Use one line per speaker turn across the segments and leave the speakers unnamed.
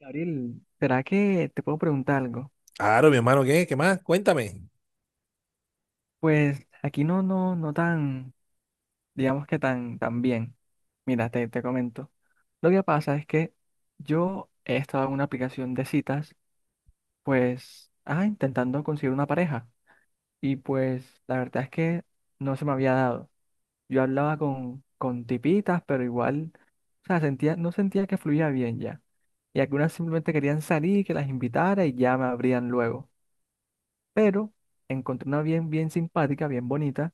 Gabriel, ¿será que te puedo preguntar algo?
Claro, mi hermano, ¿qué? ¿Qué más? Cuéntame.
Pues aquí no tan, digamos que tan, tan bien. Mira, te comento. Lo que pasa es que yo he estado en una aplicación de citas, pues, intentando conseguir una pareja. Y pues, la verdad es que no se me había dado. Yo hablaba con tipitas, pero igual, o sea, no sentía que fluía bien ya. Y algunas simplemente querían salir, que las invitara y ya me abrían luego, pero encontré una bien, bien simpática, bien bonita,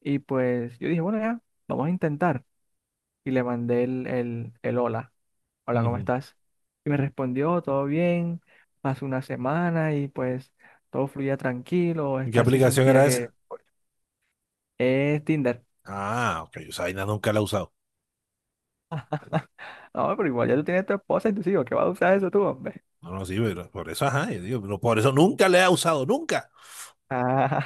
y pues yo dije, bueno, ya, vamos a intentar. Y le mandé el hola, hola, ¿cómo
Ujú.
estás? Y me respondió, todo bien, pasó una semana y pues todo fluía tranquilo,
¿Qué
esta sí
aplicación
sentía
era
que
esa?
es Tinder.
Ah, ok, yo esa vaina nunca la he usado.
No, pero igual ya tú tienes tu esposa y tus hijos, ¿qué vas a usar eso tú, hombre?
No, no, sí, pero por eso, ajá, yo digo, pero por eso nunca la he usado, nunca.
Ah,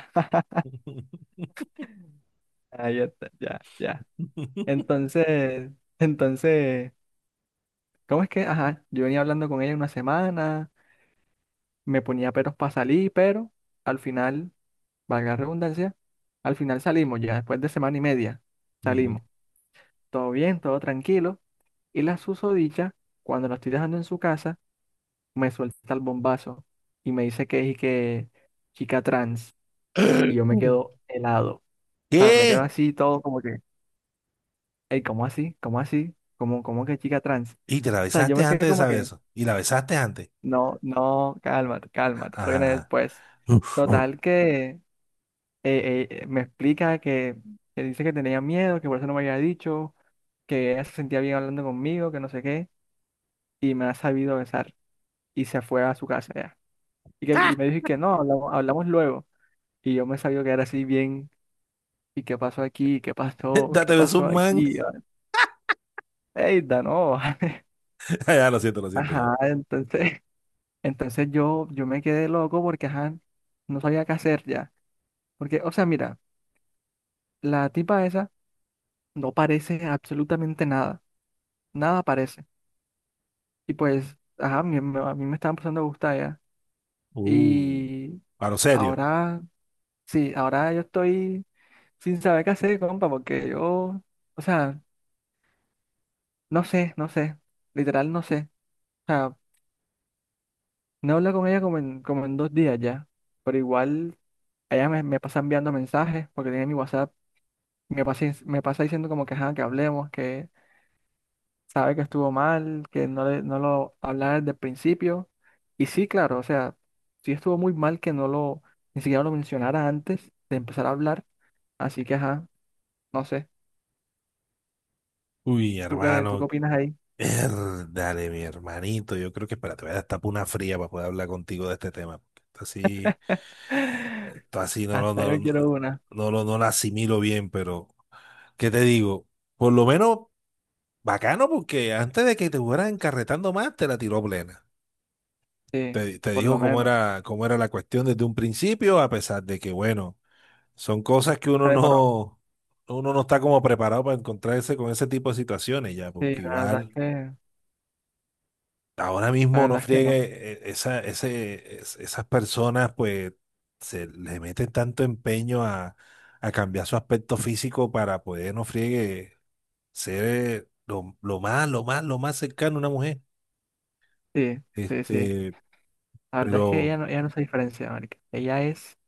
ah, ya está, ya, ya. Entonces, entonces, ¿cómo es que? Ajá, yo venía hablando con ella una semana, me ponía peros para salir, pero al final, valga la redundancia, al final salimos ya, después de semana y media,
Ujú.
salimos. Todo bien, todo tranquilo. Y la susodicha, cuando la estoy dejando en su casa, me suelta el bombazo y me dice que es que chica trans. Y yo me quedo helado. O sea, me quedo
¿Qué?
así todo como que, hey, ¿cómo así? ¿Cómo así? ¿Cómo, cómo que chica trans? O
Y te la
sea, yo
besaste
me
antes
quedé
de
como
saber
que,
eso. Y la besaste antes.
no, no, cálmate,
Ajá,
cálmate, soy una
ajá.
después. Total que me explica que dice que tenía miedo, que por eso no me había dicho, que ella se sentía bien hablando conmigo, que no sé qué, y me ha sabido besar y se fue a su casa ya. Y, que, y me dijo que no, hablamos, hablamos luego. Y yo me sabía que era así bien, ¿y qué pasó aquí? ¿Qué pasó? ¿Qué
Date beso
pasó
un man.
aquí? Y yo, ey, no.
Ya, lo siento ya.
Ajá, entonces yo me quedé loco porque, ajá, no sabía qué hacer ya. Porque, o sea, mira, la tipa esa no parece absolutamente nada, nada parece. Y pues, ajá, a mí me estaba empezando a gustar ya.
Uh,
Y
a lo serio.
ahora, sí, ahora yo estoy sin saber qué hacer, compa, porque yo, o sea, no sé, literal no sé. O sea, no hablo con ella como como en dos días ya, pero igual ella me pasa enviando mensajes, porque tiene mi WhatsApp, me pasa diciendo como que, ajá, que hablemos, sabe que estuvo mal, que no, no lo hablaba desde el principio. Y sí, claro, o sea, sí estuvo muy mal que no lo, ni siquiera lo mencionara antes de empezar a hablar. Así que, ajá, no sé,
Uy,
tú qué
hermano,
opinas ahí?
dale, mi hermanito, yo creo que espérate, voy a destapar una fría para poder hablar contigo de este tema. Porque esto así, esto así no lo,
Hasta
no,
yo
no,
quiero una,
no lo asimilo bien, pero ¿qué te digo? Por lo menos bacano, porque antes de que te fueras encarretando más, te la tiró plena.
sí,
Te
por lo
dijo
menos.
cómo era la cuestión desde un principio, a pesar de que, bueno, son cosas que
Se demoró.
uno no está como preparado para encontrarse con ese tipo de situaciones ya,
Sí,
porque
la verdad es
igual. Ahora
la
mismo no
verdad es que no.
friegue, esa, ese, esas personas pues se le meten tanto empeño a cambiar su aspecto físico para poder no friegue ser lo más, lo más, lo más cercano a una mujer.
Sí, sí, sí.
Este,
La verdad es que
pero,
ella no se diferencia, marica. Ella es,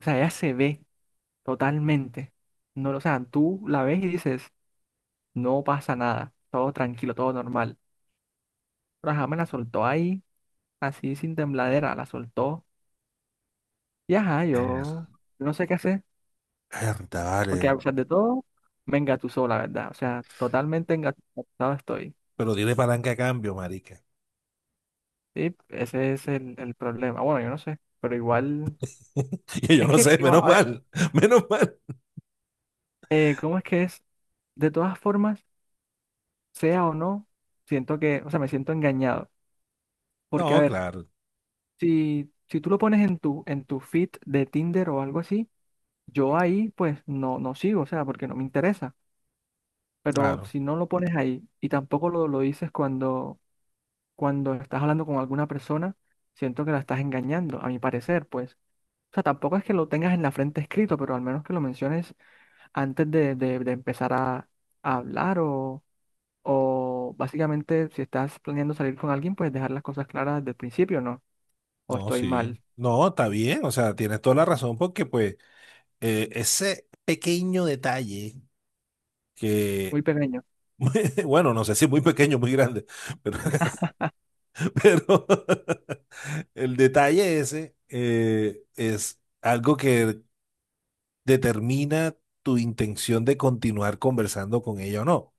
o sea, ella se ve totalmente. No, o sea, tú la ves y dices, no pasa nada, todo tranquilo, todo normal. Pero ajá, me la soltó ahí, así sin tembladera, la soltó. Y ajá,
eh,
yo no sé qué hacer,
mierda,
porque
vale,
a pesar de todo, me engatusó, la verdad. O sea, totalmente engatusado estoy.
pero tiene palanca a cambio, marica.
Sí, ese es el problema. Bueno, yo no sé, pero igual,
Y yo
es
no
que,
sé,
igual,
menos
a ver,
mal, menos mal.
¿cómo es que es? De todas formas, sea o no, siento que, o sea, me siento engañado. Porque, a
No,
ver,
claro,
si tú lo pones en en tu feed de Tinder o algo así, yo ahí pues no, no sigo, o sea, porque no me interesa. Pero
claro.
si no lo pones ahí y tampoco lo dices cuando estás hablando con alguna persona, siento que la estás engañando, a mi parecer, pues. O sea, tampoco es que lo tengas en la frente escrito, pero al menos que lo menciones antes de, de empezar a hablar o básicamente si estás planeando salir con alguien, pues dejar las cosas claras desde el principio, ¿no? O
No,
estoy
sí.
mal,
No, está bien, o sea, tienes toda la razón porque pues ese pequeño detalle que,
muy pequeño.
bueno, no sé si muy pequeño, muy grande, pero, pero el detalle ese es algo que determina tu intención de continuar conversando con ella o no.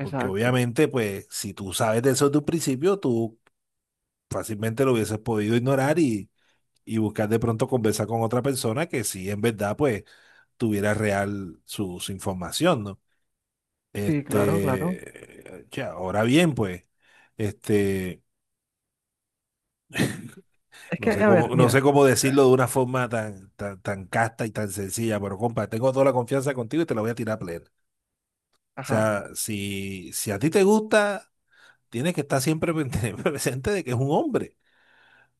Porque obviamente, pues, si tú sabes de eso desde un principio, tú fácilmente lo hubieses podido ignorar y buscar de pronto conversar con otra persona que sí, en verdad, pues, tuviera real su, su información, ¿no?
Sí, claro, claro.
Este, ya, ahora bien, pues, este,
Es
no
que,
sé
a ver,
cómo, no sé
mira.
cómo
Mira.
decirlo de una forma tan, tan, tan casta y tan sencilla, pero compa, tengo toda la confianza contigo y te la voy a tirar plena. O
Ajá.
sea, si, si a ti te gusta, tienes que estar siempre presente de que es un hombre.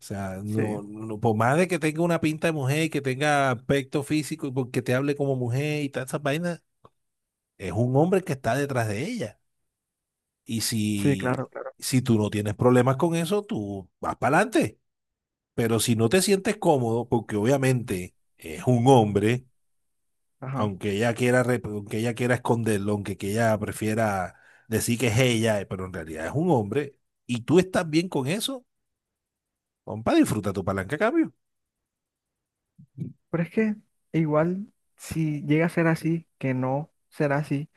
O sea, no,
Sí.
no, por más de que tenga una pinta de mujer y que tenga aspecto físico y porque te hable como mujer y todas esas vainas, es un hombre que está detrás de ella. Y
Sí,
si,
claro, claro.
si tú no tienes problemas con eso, tú vas para adelante. Pero si no te sientes cómodo, porque obviamente es un hombre,
Ajá.
aunque ella quiera, aunque ella quiera esconderlo, aunque que ella prefiera decir que es ella, pero en realidad es un hombre, y tú estás bien con eso, compa, disfruta tu palanca a cambio.
Pero es que igual, si llega a ser así, que no será así,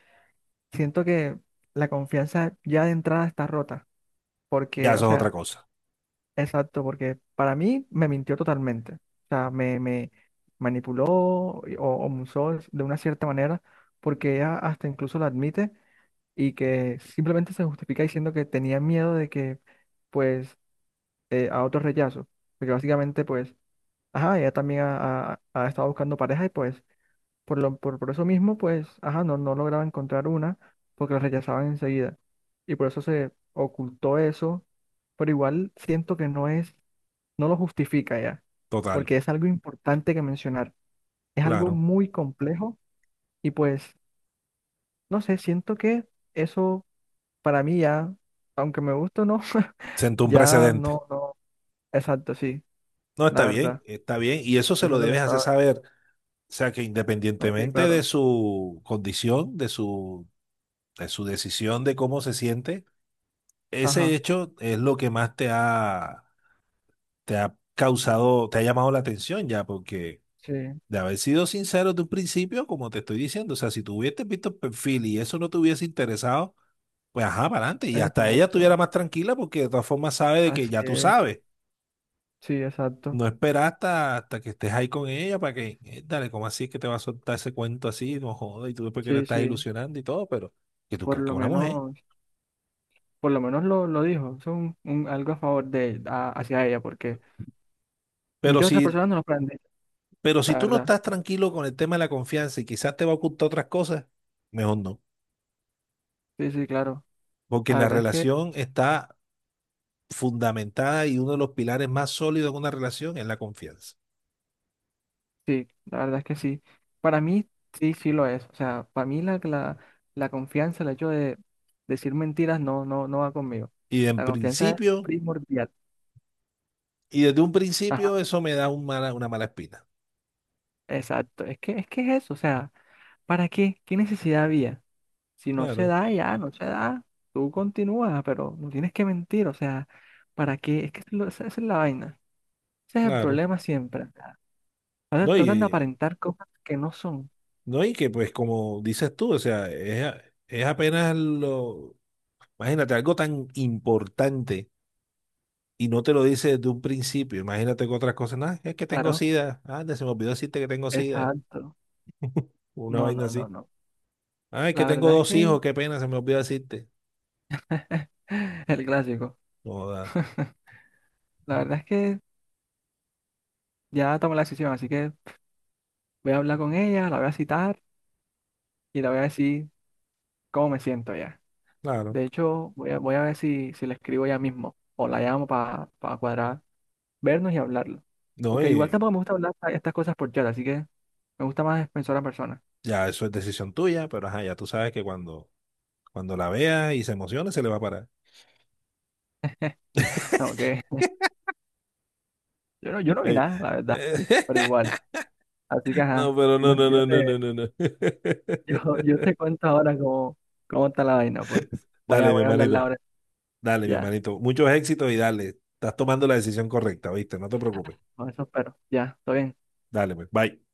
siento que la confianza ya de entrada está rota.
Ya
Porque, o
eso es otra
sea,
cosa.
exacto, porque para mí me mintió totalmente. O sea, me manipuló o me usó de una cierta manera, porque ella hasta incluso lo admite y que simplemente se justifica diciendo que tenía miedo de que, pues, a otro rechazo. Porque básicamente, pues, ajá, ella también ha, ha estado buscando pareja y pues por lo, por eso mismo, pues, ajá, no, no lograba encontrar una porque la rechazaban enseguida. Y por eso se ocultó eso, pero igual siento que no es, no lo justifica ya,
Total,
porque es algo importante que mencionar. Es algo
claro.
muy complejo y pues, no sé, siento que eso para mí ya, aunque me guste o no,
Sentó un
ya
precedente.
no, no, exacto, sí,
No,
la
está bien,
verdad.
está bien. Y eso
Y
se
eso
lo
es lo que
debes hacer
estaba,
saber. O sea que
no, sí,
independientemente de
claro,
su condición, de su decisión de cómo se siente, ese
ajá,
hecho es lo que más te ha causado, te ha llamado la atención ya, porque
sí.
de haber sido sincero de un principio, como te estoy diciendo, o sea, si tú hubieses visto el perfil y eso no te hubiese interesado, pues ajá, para adelante, y hasta ella estuviera
Exacto,
más tranquila porque de todas formas sabe de que
así
ya tú
es,
sabes.
sí, exacto,
No esperas hasta, hasta que estés ahí con ella para que, dale, ¿cómo así es que te va a soltar ese cuento así? No jodas, y tú después que le
sí,
estás
sí,
ilusionando y todo, pero que tú
por
crees que
lo
es una mujer.
menos, por lo menos lo dijo, es un algo a favor de, hacia ella, porque
Pero
muchas otras
si
personas no lo han dicho,
Pero si
la
tú no
verdad,
estás tranquilo con el tema de la confianza y quizás te va a ocultar otras cosas, mejor no.
sí, sí, claro,
Porque
la
la
verdad es que
relación está fundamentada y uno de los pilares más sólidos de una relación es la confianza.
sí, la verdad es que sí, para mí sí, sí lo es, o sea, para mí la, la, la confianza, el hecho de decir mentiras no, no, no va conmigo,
Y en
la confianza es
principio,
primordial,
y desde un
ajá,
principio, eso me da un una mala espina.
exacto, es que, es que es eso, o sea, ¿para qué? ¿Qué necesidad había? Si no se
Claro,
da, ya, no se da. Tú continúas, pero no tienes que mentir. O sea, ¿para qué? Es que lo- esa esa es la vaina. Ese es el
claro.
problema siempre. O sea, ahora
No, y,
tratan de aparentar cosas que no son.
no, y que pues como dices tú, o sea, es, es apenas lo... Imagínate, algo tan importante y no te lo dice desde un principio. Imagínate con otras cosas. No, es que tengo
Claro,
sida. Anda, se me olvidó decirte que tengo sida.
exacto.
Una
No,
vaina
no, no,
así.
no.
Ay, que
La
tengo
verdad es
dos
que
hijos, qué pena, se me olvidó decirte.
el clásico.
Joda,
La verdad es que ya tomé la decisión, así que voy a hablar con ella, la voy a citar y la voy a decir cómo me siento ya.
claro.
De hecho, voy a ver si, si le escribo ya mismo o la llamo para cuadrar, vernos y hablarlo.
No,
Porque igual
y
tampoco me gusta hablar estas cosas por chat, así que me gusta más persona a persona.
ya eso es decisión tuya, pero ajá, ya tú sabes que cuando, cuando la veas y se emocione, se le va a parar.
Ok. Yo no, yo no vi
Ey,
nada, la verdad.
eh,
Pero igual. Así que ajá.
No, pero no,
No,
no, no, no, no, no, no.
yo te cuento ahora cómo, cómo está la vaina, pues.
Dale, mi
Voy a hablarla
hermanito,
ahora.
dale, mi
Ya.
hermanito. Muchos éxitos y dale. Estás tomando la decisión correcta, ¿viste? No te preocupes.
Con eso espero. Ya, todo bien.
Dale, pues, bye.